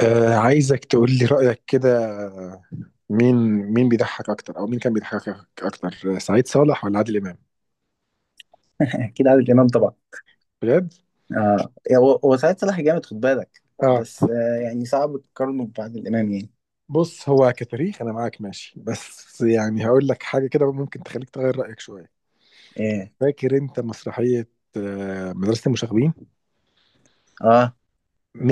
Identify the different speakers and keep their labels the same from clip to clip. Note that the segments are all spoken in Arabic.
Speaker 1: عايزك تقول لي رأيك كده. مين مين بيضحك أكتر، أو مين كان بيضحكك أكتر، سعيد صالح ولا عادل إمام؟
Speaker 2: اكيد عادل امام طبعا.
Speaker 1: بجد؟
Speaker 2: هو سعيد صالح جامد، خد بالك.
Speaker 1: آه.
Speaker 2: بس يعني صعب تقارنه بعادل امام يعني.
Speaker 1: بص، هو كتاريخ أنا معاك ماشي، بس يعني هقول لك حاجة كده ممكن تخليك تغير رأيك شوية.
Speaker 2: ايه.
Speaker 1: فاكر أنت مسرحية؟ آه، مدرسة المشاغبين؟
Speaker 2: اه.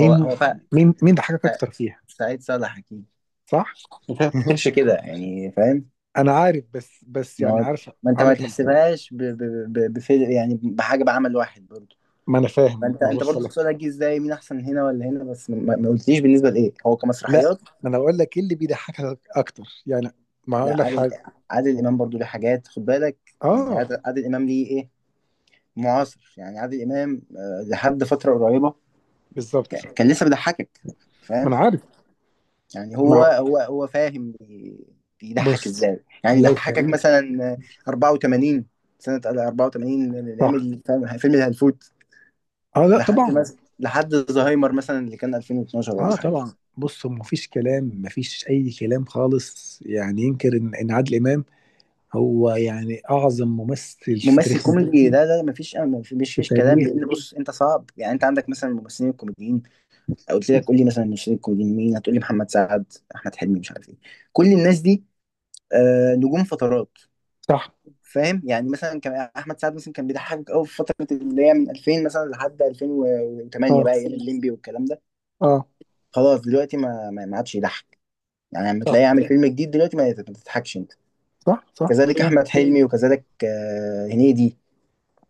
Speaker 2: هو هو فا...
Speaker 1: مين ضحكك
Speaker 2: فا-
Speaker 1: أكتر فيها؟
Speaker 2: سعيد صالح اكيد.
Speaker 1: صح؟
Speaker 2: انت ما بتفتكرش كده يعني؟ فاهم.
Speaker 1: أنا عارف، بس
Speaker 2: ما
Speaker 1: يعني
Speaker 2: هو.
Speaker 1: عارف.
Speaker 2: ما انت
Speaker 1: هقول
Speaker 2: ما
Speaker 1: لك أنا.
Speaker 2: تحسبهاش بفيلم، يعني بحاجه، بعمل واحد برضه.
Speaker 1: ما أنا فاهم،
Speaker 2: فانت
Speaker 1: ما
Speaker 2: انت
Speaker 1: بص
Speaker 2: برضه
Speaker 1: لك.
Speaker 2: سؤالك جه ازاي مين احسن هنا ولا هنا، بس ما قلتليش بالنسبه لايه، هو
Speaker 1: لا،
Speaker 2: كمسرحيات.
Speaker 1: ما أنا بقول لك إيه اللي بيضحكك أكتر يعني. ما هقول
Speaker 2: لا،
Speaker 1: لك حاجة.
Speaker 2: عادل امام برضه ليه حاجات، خد بالك. يعني
Speaker 1: آه،
Speaker 2: عادل امام ليه ايه، معاصر. يعني عادل امام لحد فتره قريبه.
Speaker 1: بالظبط.
Speaker 2: كان لسه بيضحكك.
Speaker 1: ما انا
Speaker 2: فاهم؟
Speaker 1: عارف.
Speaker 2: يعني
Speaker 1: ما
Speaker 2: هو
Speaker 1: هو-
Speaker 2: هو هو فاهم، بيضحك
Speaker 1: بص،
Speaker 2: ازاي يعني،
Speaker 1: لو
Speaker 2: ضحكك
Speaker 1: تاريخ.
Speaker 2: مثلا. 84. سنة 84 من ايام
Speaker 1: صح.
Speaker 2: الفيلم، فيلم الهلفوت.
Speaker 1: اه، لا
Speaker 2: لحد
Speaker 1: طبعا.
Speaker 2: مثلا لحد زهايمر مثلا اللي كان 2012
Speaker 1: اه
Speaker 2: ولا حاجة.
Speaker 1: طبعا. بص، ما فيش كلام، ما فيش اي كلام خالص يعني ينكر ان عادل امام هو يعني اعظم ممثل في
Speaker 2: ممثل
Speaker 1: تاريخ،
Speaker 2: كوميدي، ده مفيش مفيش
Speaker 1: في
Speaker 2: فيش كلام.
Speaker 1: تاريخ.
Speaker 2: لان بص انت صعب يعني، انت عندك مثلا الممثلين الكوميديين. او قلت لك قول لي مثلا الممثلين الكوميديين مين، هتقول لي محمد سعد، احمد حلمي، مش عارف ايه، كل الناس دي نجوم فترات.
Speaker 1: صح.
Speaker 2: فاهم؟ يعني مثلا كان احمد سعد مثلا كان بيضحكك قوي في فتره اللي هي من 2000 مثلا لحد 2008،
Speaker 1: اه،
Speaker 2: بقى ايام الليمبي والكلام ده.
Speaker 1: اه.
Speaker 2: خلاص دلوقتي ما ما ما عادش يضحك. يعني لما
Speaker 1: صح،
Speaker 2: تلاقيه عامل فيلم جديد دلوقتي ما تضحكش انت.
Speaker 1: صح، صح،
Speaker 2: كذلك
Speaker 1: صح.
Speaker 2: احمد حلمي، وكذلك هنيدي.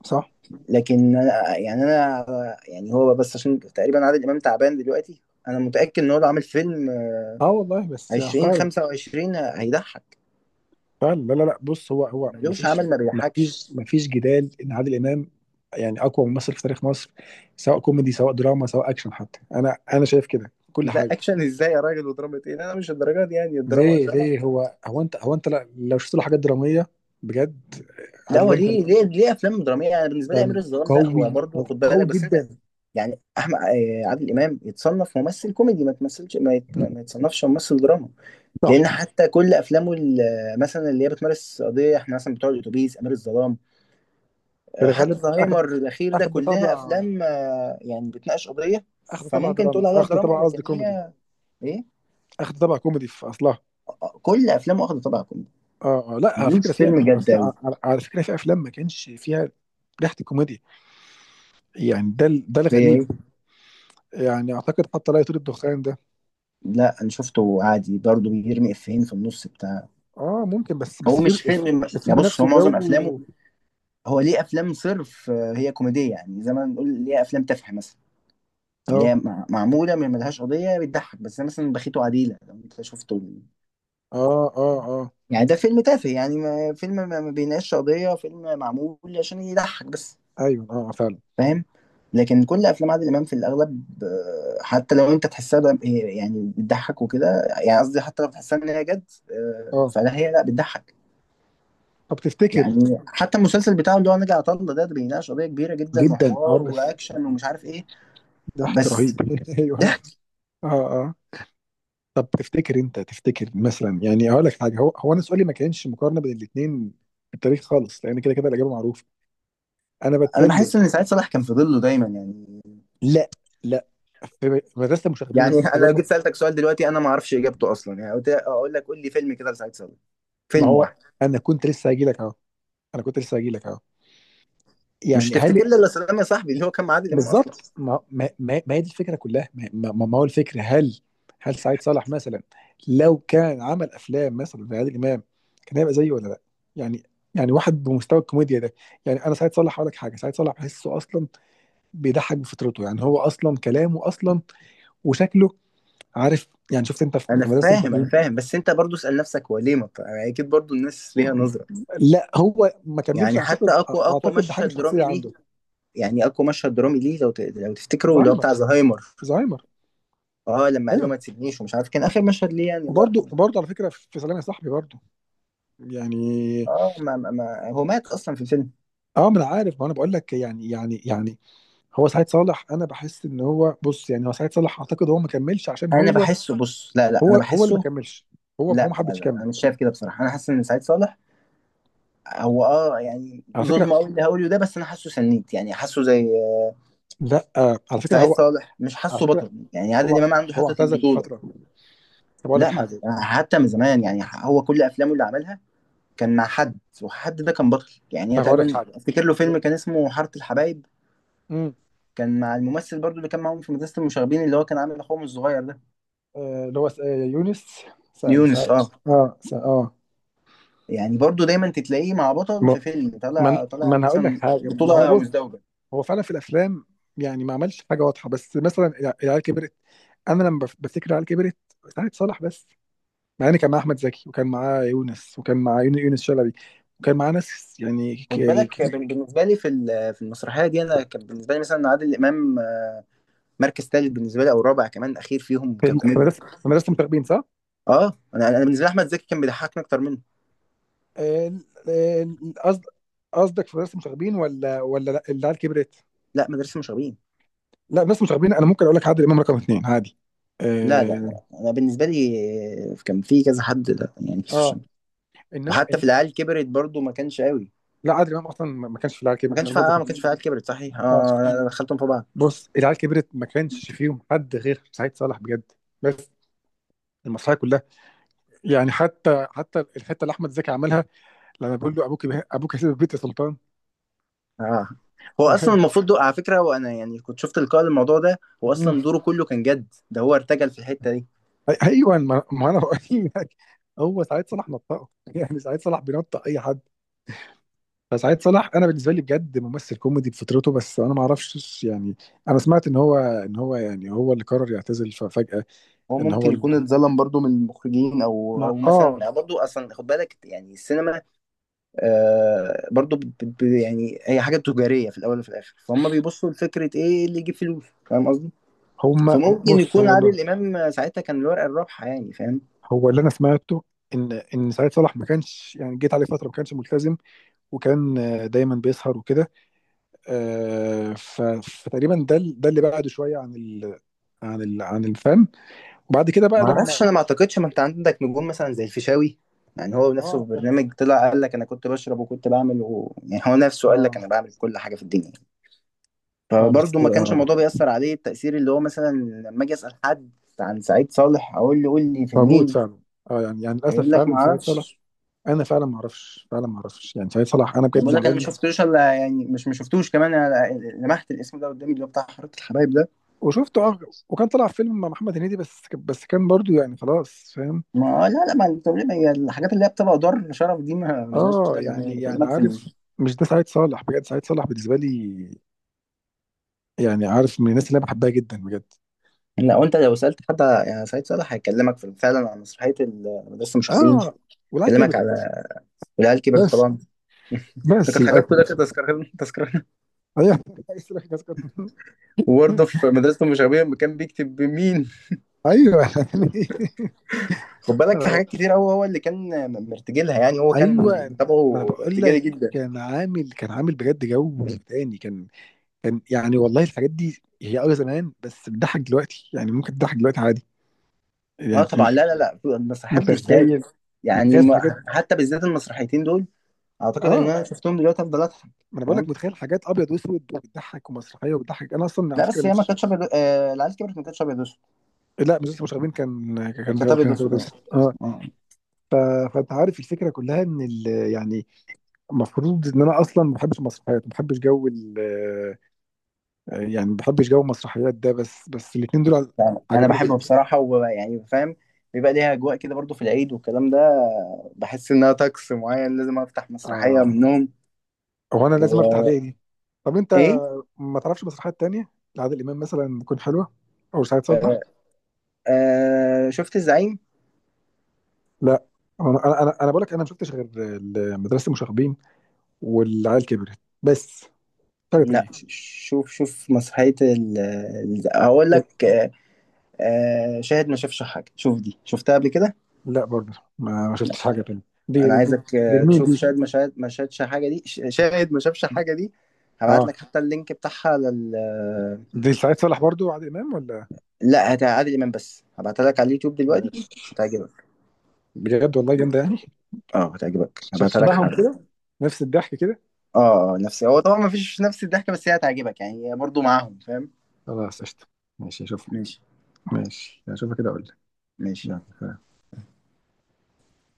Speaker 1: صح.
Speaker 2: لكن انا يعني هو بس، عشان تقريبا عادل امام تعبان دلوقتي. انا متاكد ان هو لو عامل فيلم
Speaker 1: اه والله، بس يعني
Speaker 2: 20
Speaker 1: فعلا.
Speaker 2: 25 هيضحك.
Speaker 1: فعلا، لا، لا، لا، بص. هو ما
Speaker 2: ملوش
Speaker 1: فيش.
Speaker 2: عمل ما
Speaker 1: ما
Speaker 2: بيضحكش.
Speaker 1: فيش ما فيش جدال ان عادل امام يعني اقوى ممثل في تاريخ مصر، سواء كوميدي سواء دراما سواء اكشن. حتى انا شايف كده كل
Speaker 2: لا،
Speaker 1: حاجه.
Speaker 2: اكشن ازاي يا راجل، ودراما ايه؟ لا، انا مش الدرجات دي، يعني الدراما،
Speaker 1: ليه
Speaker 2: الدراما.
Speaker 1: ليه هو هو انت هو انت لو شفت له حاجات دراميه بجد.
Speaker 2: لا،
Speaker 1: عادل
Speaker 2: هو
Speaker 1: امام كان،
Speaker 2: ليه افلام دراميه، يعني بالنسبه لي امير
Speaker 1: كان
Speaker 2: الظلام ده هو
Speaker 1: قوي،
Speaker 2: برضه خد
Speaker 1: قوي
Speaker 2: بالك، بس انت
Speaker 1: جدا.
Speaker 2: يعني احمد آه، عادل امام يتصنف ممثل كوميدي، ما تمثلش، ما يتصنفش ممثل دراما.
Speaker 1: صح.
Speaker 2: لان حتى كل افلامه مثلا اللي هي بتمارس قضيه، احنا مثلا بتوع الاتوبيس، امير الظلام،
Speaker 1: في الغالب
Speaker 2: حتى
Speaker 1: اخد
Speaker 2: زهايمر الاخير ده،
Speaker 1: اخد
Speaker 2: كلها
Speaker 1: طابع،
Speaker 2: افلام يعني بتناقش قضيه.
Speaker 1: اخد طابع
Speaker 2: فممكن تقول
Speaker 1: درامي،
Speaker 2: عليها
Speaker 1: اخد
Speaker 2: دراما،
Speaker 1: طابع قصدي
Speaker 2: لكن
Speaker 1: كوميدي،
Speaker 2: هي ايه،
Speaker 1: اخد طابع كوميدي في اصلها.
Speaker 2: كل افلامه واخده طابع كوميدي.
Speaker 1: اه، اه، لا، على فكره،
Speaker 2: ملوش
Speaker 1: فيها
Speaker 2: فيلم
Speaker 1: على
Speaker 2: جد قوي.
Speaker 1: فكره، على فكرة. في افلام ما كانش فيها ريحه الكوميديا، يعني ده
Speaker 2: زي
Speaker 1: الغريب.
Speaker 2: ايه؟
Speaker 1: يعني اعتقد حتى لا يطير الدخان ده.
Speaker 2: لا انا شفته عادي، برضه بيرمي افيهين في النص بتاع.
Speaker 1: اه، ممكن، بس
Speaker 2: هو
Speaker 1: فيلم،
Speaker 2: مش فيلم، يا
Speaker 1: الفيلم
Speaker 2: بص
Speaker 1: نفسه
Speaker 2: هو معظم
Speaker 1: جو.
Speaker 2: افلامه. هو ليه افلام صرف هي كوميديه، يعني زي ما نقول ليه افلام تافهه مثلا، اللي
Speaker 1: اه،
Speaker 2: هي معموله ما ملهاش قضيه، بتضحك بس، زي مثلا بخيت وعديله لو انت شفته.
Speaker 1: اه، اه، اه.
Speaker 2: يعني ده فيلم تافه يعني، ما فيلم ما ما بيناقش قضيه، فيلم معمول عشان يضحك بس.
Speaker 1: ايوه، اه فعلا.
Speaker 2: فاهم؟ لكن كل افلام عادل امام في الاغلب حتى لو انت تحسها دراما- يعني بتضحك وكده. يعني قصدي حتى لو تحسها ان هي جد
Speaker 1: اه،
Speaker 2: فلا هي لا بتضحك.
Speaker 1: طب تفتكر.
Speaker 2: يعني حتى المسلسل بتاعه اللي هو نجا عطله ده بيناقش قضيه كبيره جدا،
Speaker 1: جدا، اه
Speaker 2: وحوار
Speaker 1: بس.
Speaker 2: واكشن ومش عارف ايه.
Speaker 1: ضحك
Speaker 2: بس
Speaker 1: رهيب ايوه.
Speaker 2: ضحك.
Speaker 1: اه، اه. طب تفتكر، انت تفتكر مثلا، يعني اقول لك حاجه. هو انا سؤالي ما كانش مقارنه بين الاثنين في التاريخ خالص، لان كده كده الاجابه معروفه. انا
Speaker 2: انا
Speaker 1: بتكلم.
Speaker 2: بحس ان سعيد صالح كان في ظله دايما يعني.
Speaker 1: لا، لا. في مدرسه المشاغبين
Speaker 2: يعني
Speaker 1: كانت
Speaker 2: انا
Speaker 1: بتقول
Speaker 2: لو
Speaker 1: له.
Speaker 2: جيت سالتك سؤال دلوقتي انا ما اعرفش اجابته اصلا، يعني قلت اقول لك قول لي فيلم كده لسعيد صالح،
Speaker 1: ما
Speaker 2: فيلم
Speaker 1: هو،
Speaker 2: واحد.
Speaker 1: انا كنت لسه هاجي لك اهو. انا كنت لسه هاجي لك اهو.
Speaker 2: مش
Speaker 1: يعني هل؟
Speaker 2: هتفتكر لي الا سلام يا صاحبي اللي هو كان مع عادل امام اصلا.
Speaker 1: بالظبط. ما هي دي الفكره كلها. ما هو الفكر. هل، هل سعيد صالح مثلا لو كان عمل افلام مثلا زي عادل امام كان هيبقى زيه ولا لا؟ يعني، يعني واحد بمستوى الكوميديا ده. يعني انا، سعيد صالح هقول لك حاجه، سعيد صالح بحسه اصلا بيضحك بفطرته، يعني هو اصلا كلامه اصلا وشكله، عارف. يعني شفت انت في
Speaker 2: انا
Speaker 1: في مدرسه
Speaker 2: فاهم انا
Speaker 1: التقييم.
Speaker 2: فاهم بس انت برضو اسال نفسك، هو ليه ما بت- يعني اكيد برضو الناس ليها نظره.
Speaker 1: لا، هو ما كملش
Speaker 2: يعني حتى
Speaker 1: اعتقد.
Speaker 2: اقوى
Speaker 1: اعتقد ده حاجه
Speaker 2: مشهد
Speaker 1: شخصيه
Speaker 2: درامي ليه،
Speaker 1: عنده.
Speaker 2: يعني اقوى مشهد درامي ليه لو تفتكروا اللي هو
Speaker 1: زهايمر،
Speaker 2: بتاع زهايمر.
Speaker 1: زهايمر.
Speaker 2: اه لما قال له
Speaker 1: ايوه.
Speaker 2: ما تسيبنيش ومش عارف، كان اخر مشهد ليه يعني، الله
Speaker 1: وبرده
Speaker 2: يرحمه.
Speaker 1: وبرده على فكره في سلام يا صاحبي برده، يعني.
Speaker 2: اه، ما هو مات اصلا في الفيلم.
Speaker 1: اه، ما انا عارف. ما انا بقول لك يعني، هو سعيد صالح. انا بحس ان هو، بص يعني، هو سعيد صالح اعتقد هو ما كملش، عشان
Speaker 2: انا
Speaker 1: هو،
Speaker 2: بحسه، بص. لا لا،
Speaker 1: هو
Speaker 2: انا
Speaker 1: هو اللي ما
Speaker 2: بحسه.
Speaker 1: كملش، هو
Speaker 2: لا
Speaker 1: ما
Speaker 2: لا
Speaker 1: حبش
Speaker 2: لا،
Speaker 1: يكمل.
Speaker 2: انا مش شايف كده بصراحه، انا حاسس ان سعيد صالح هو اه يعني،
Speaker 1: على فكره،
Speaker 2: ظلم قوي اللي هقوله ده، بس انا حاسه سنيد يعني، حاسه زي.
Speaker 1: لا على فكره،
Speaker 2: سعيد
Speaker 1: هو
Speaker 2: صالح مش
Speaker 1: على
Speaker 2: حاسه
Speaker 1: فكره،
Speaker 2: بطل، يعني عادل
Speaker 1: هو
Speaker 2: امام عنده
Speaker 1: هو
Speaker 2: حته
Speaker 1: اعتزل
Speaker 2: البطوله.
Speaker 1: فتره. طب اقول لك
Speaker 2: لا، ما
Speaker 1: حاجه،
Speaker 2: حتى من زمان، يعني هو كل افلامه اللي عملها كان مع حد ده كان بطل.
Speaker 1: طب
Speaker 2: يعني
Speaker 1: اقول لك
Speaker 2: تقريبا
Speaker 1: حاجه.
Speaker 2: افتكر له فيلم كان اسمه حاره الحبايب،
Speaker 1: امم
Speaker 2: كان مع الممثل برضو اللي كان معاهم في مدرسة المشاغبين، اللي هو كان عامل اخوهم الصغير ده.
Speaker 1: اللي هو يونس. سعيد.
Speaker 2: يونس، اه.
Speaker 1: اه، سعيد، اه.
Speaker 2: يعني برضو دايما تتلاقيه مع بطل
Speaker 1: ما
Speaker 2: في فيلم
Speaker 1: ما انا،
Speaker 2: طالع، طالع
Speaker 1: ما أنا هقول لك
Speaker 2: مثلا
Speaker 1: حاجه، ما هو
Speaker 2: بطولة
Speaker 1: بص،
Speaker 2: مزدوجة.
Speaker 1: هو فعلا في الافلام يعني ما عملش حاجه واضحه، بس مثلا العيال كبرت. انا لما بفتكر العيال كبرت، سعد صالح بس، مع ان كان معاه احمد زكي، وكان معاه يونس، وكان معاه يونس شلبي، وكان معاه ناس يعني،
Speaker 2: خد بالك،
Speaker 1: ك-
Speaker 2: بالنسبة لي في المسرحية دي، انا كان بالنسبة لي مثلا عادل امام مركز ثالث بالنسبة لي، او رابع كمان، اخير فيهم
Speaker 1: في
Speaker 2: ككوميديا.
Speaker 1: في مدرسه مشاغبين، صح؟
Speaker 2: اه، انا بالنسبة لي احمد زكي كان بيضحكني اكتر منه.
Speaker 1: آه، آه، قصد، قصدك في مدرسه مشاغبين ولا، ولا لا العيال كبرت؟
Speaker 2: لا، مدرسة المشاغبين.
Speaker 1: لا، مدرسه مشاغبين انا ممكن اقول لك عادل امام رقم اثنين عادي.
Speaker 2: لا لا
Speaker 1: اه،
Speaker 2: لا، انا بالنسبة لي كان في كذا حد لا يعني.
Speaker 1: اه، انما
Speaker 2: وحتى في العيال كبرت برضو ما كانش قوي.
Speaker 1: لا عادل امام اصلا ما كانش في العيال
Speaker 2: ما
Speaker 1: كبرت.
Speaker 2: كانش
Speaker 1: انا برضو
Speaker 2: فيها، آه، ما
Speaker 1: كنت.
Speaker 2: كانش فيها عيال كبرت صحيح.
Speaker 1: اه،
Speaker 2: اه لا، لا، دخلتهم في بعض.
Speaker 1: بص، العيال كبرت ما كانش فيهم حد غير سعيد صالح بجد. بس المسرحيه كلها يعني، حتى الحته اللي احمد زكي عملها، لما بيقول له: ابوك، ابوك هيسيب البيت يا سلطان.
Speaker 2: اه. هو اصلا المفروض على فكره، وانا يعني كنت شفت لقاء الموضوع ده، هو
Speaker 1: مم.
Speaker 2: اصلا دوره كله كان جد، ده هو ارتجل في الحته دي.
Speaker 1: ايوه، ما انا بقول لك، هو سعيد صالح نطقه. يعني سعيد صالح بينطق اي حد. فسعيد صالح انا بالنسبه لي بجد ممثل كوميدي بفطرته، بس انا ما اعرفش يعني. انا سمعت ان هو، يعني هو اللي قرر يعتزل ففجاه.
Speaker 2: هو
Speaker 1: ان هو
Speaker 2: ممكن
Speaker 1: ال...
Speaker 2: يكون اتظلم برضو من المخرجين او
Speaker 1: ما...
Speaker 2: او
Speaker 1: اه
Speaker 2: مثلا برضو اصلا خد بالك. يعني السينما آه برضو يعني هي حاجه تجاريه في الاول وفي الاخر، فهم بيبصوا لفكره ايه اللي يجيب فلوس، فاهم قصدي.
Speaker 1: هم
Speaker 2: فممكن
Speaker 1: بص
Speaker 2: يكون
Speaker 1: هو اللي،
Speaker 2: عادل امام ساعتها كان الورقه الرابحه يعني، فاهم؟
Speaker 1: انا سمعته ان سعيد صالح ما كانش يعني، جيت عليه فتره ما كانش ملتزم، وكان دايما بيسهر وكده، آه، ف- فتقريبا ده اللي بعده شويه عن ال، عن الفن. وبعد كده بقى
Speaker 2: ما
Speaker 1: لما.
Speaker 2: اعرفش، انا ما اعتقدش، ما انت عندك نجوم مثلا زي الفيشاوي. يعني هو نفسه
Speaker 1: اه،
Speaker 2: في
Speaker 1: بس،
Speaker 2: برنامج طلع قال لك انا كنت بشرب وكنت بعمل يعني هو نفسه قال لك انا
Speaker 1: اه.
Speaker 2: بعمل كل حاجه في الدنيا.
Speaker 1: اه، بس،
Speaker 2: فبرضه ما كانش
Speaker 1: اه.
Speaker 2: الموضوع بيأثر عليه التأثير اللي هو مثلا. لما اجي اسأل حد عن سعيد صالح اقول له قول لي في
Speaker 1: موجود
Speaker 2: مين،
Speaker 1: فعلا. اه، يعني للاسف
Speaker 2: يقول لك ما
Speaker 1: فعلا سعيد صالح.
Speaker 2: اعرفش.
Speaker 1: انا فعلا ما اعرفش، يعني سعيد صالح انا
Speaker 2: انا
Speaker 1: بجد
Speaker 2: بقول لك انا ما
Speaker 1: زعلان.
Speaker 2: شفتوش، الا يعني، مش ما شفتوش كمان، أنا لمحت الاسم ده قدامي اللي هو بتاع حركه الحبايب ده.
Speaker 1: وشفته، اه. وكان طلع في فيلم مع محمد هنيدي، بس كان برضو يعني خلاص، فاهم.
Speaker 2: ما لا لا، ما التمرين- هي الحاجات اللي هي بتبقى دار شرف دي ما ملهاش
Speaker 1: اه،
Speaker 2: لازمه يعني،
Speaker 1: يعني
Speaker 2: بكلمك في.
Speaker 1: عارف، مش ده سعيد صالح. بجد سعيد صالح بالنسبه لي يعني عارف من الناس اللي انا بحبها جدا بجد.
Speaker 2: لو انت لو سالت حد، يعني سعيد صالح هيكلمك في فعلا عن مسرحيه مدرسه المشاغبين،
Speaker 1: اه، والعيال
Speaker 2: هيكلمك
Speaker 1: كبرت
Speaker 2: على، والعيال كبرت
Speaker 1: بس.
Speaker 2: طبعا. ده
Speaker 1: بس
Speaker 2: كانت حاجات كلها
Speaker 1: للاسف.
Speaker 2: كانت تذكرة تذكرة.
Speaker 1: ايوه عايز أقول لك،
Speaker 2: وبرضه في مدرسه المشاغبين لما كان بيكتب بمين،
Speaker 1: ايوه يعني
Speaker 2: خد بالك في
Speaker 1: أنا-
Speaker 2: حاجات كتير قوي هو اللي كان مرتجلها، يعني هو كان
Speaker 1: ايوه، ما انا
Speaker 2: طبعه
Speaker 1: بقول
Speaker 2: ارتجالي
Speaker 1: لك،
Speaker 2: جدا.
Speaker 1: كان عامل بجد جو تاني كان، كان يعني والله. الحاجات دي هي زمان، بس بتضحك دلوقتي، يعني ممكن تضحك دلوقتي عادي،
Speaker 2: اه
Speaker 1: يعني
Speaker 2: طبعا، لا لا لا، المسرحيات
Speaker 1: متخيل،
Speaker 2: بالذات، يعني
Speaker 1: متخيل حاجات.
Speaker 2: حتى بالذات المسرحيتين دول اعتقد ان
Speaker 1: اه،
Speaker 2: انا شفتهم دلوقتي افضل اضحك.
Speaker 1: ما انا بقول
Speaker 2: فاهم؟
Speaker 1: لك، متخيل حاجات ابيض واسود وبتضحك، ومسرحيه وبتضحك. انا اصلا على
Speaker 2: لا
Speaker 1: فكره
Speaker 2: بس هي ما
Speaker 1: مش،
Speaker 2: كانتش ابيض، العيال كبرت ما كانتش ابيض اسود.
Speaker 1: لا مش لسه مشاغبين كان،
Speaker 2: كانت ابيض اسود.
Speaker 1: بس، اه.
Speaker 2: اه.
Speaker 1: ف... فانت عارف الفكره كلها ان يعني المفروض ان انا اصلا ما بحبش المسرحيات، ما بحبش جو ال... آه، يعني ما بحبش جو المسرحيات ده، بس الاثنين دول
Speaker 2: فاهم. انا
Speaker 1: عجبوني
Speaker 2: بحبه
Speaker 1: جدا.
Speaker 2: بصراحه ويعني، فاهم، بيبقى ليها اجواء كده برضو في العيد والكلام ده، بحس انها طقس معين لازم افتح مسرحيه
Speaker 1: اه،
Speaker 2: منهم.
Speaker 1: هو انا لازم افتح ليه
Speaker 2: وايه؟
Speaker 1: دي. طب انت ما تعرفش مسرحيات تانية لعادل امام مثلا تكون حلوه، او سعيد صالح؟
Speaker 2: آه. آه شفت الزعيم.
Speaker 1: لا، انا، انا بقول لك، انا ما شفتش غير مدرسه المشاغبين والعيال كبرت بس. حاجه
Speaker 2: لا،
Speaker 1: تانية؟
Speaker 2: شوف شوف مسرحيه هقول لك آه، آه شاهد ما شافش حاجه، شوف دي شفتها قبل كده.
Speaker 1: لا، برضه ما شفتش حاجه تانية. دي
Speaker 2: انا
Speaker 1: دي دي،
Speaker 2: عايزك
Speaker 1: دي لمين
Speaker 2: تشوف
Speaker 1: دي؟
Speaker 2: شاهد ما شاهد ما شاهدش حاجه دي ش- شاهد ما شافش حاجه دي. هبعت
Speaker 1: اه،
Speaker 2: لك حتى اللينك بتاعها لل.
Speaker 1: دي سعيد صالح برضه وعادل امام ولا؟
Speaker 2: لا، هت عادل امام بس، هبعتها لك على اليوتيوب دلوقتي.
Speaker 1: ماشي.
Speaker 2: هتعجبك.
Speaker 1: بجد والله جامده يعني.
Speaker 2: اه هتعجبك، هبعتها لك
Speaker 1: شبههم كده،
Speaker 2: حالا.
Speaker 1: نفس الضحك كده.
Speaker 2: اه نفسي. هو طبعا ما فيش نفس الضحكه، بس هي هتعجبك يعني، هي برضه معاهم، فاهم؟
Speaker 1: خلاص قشطه، ماشي اشوفها.
Speaker 2: ماشي.
Speaker 1: ماشي اشوفها كده اقول لك.
Speaker 2: ماشي.
Speaker 1: يلا.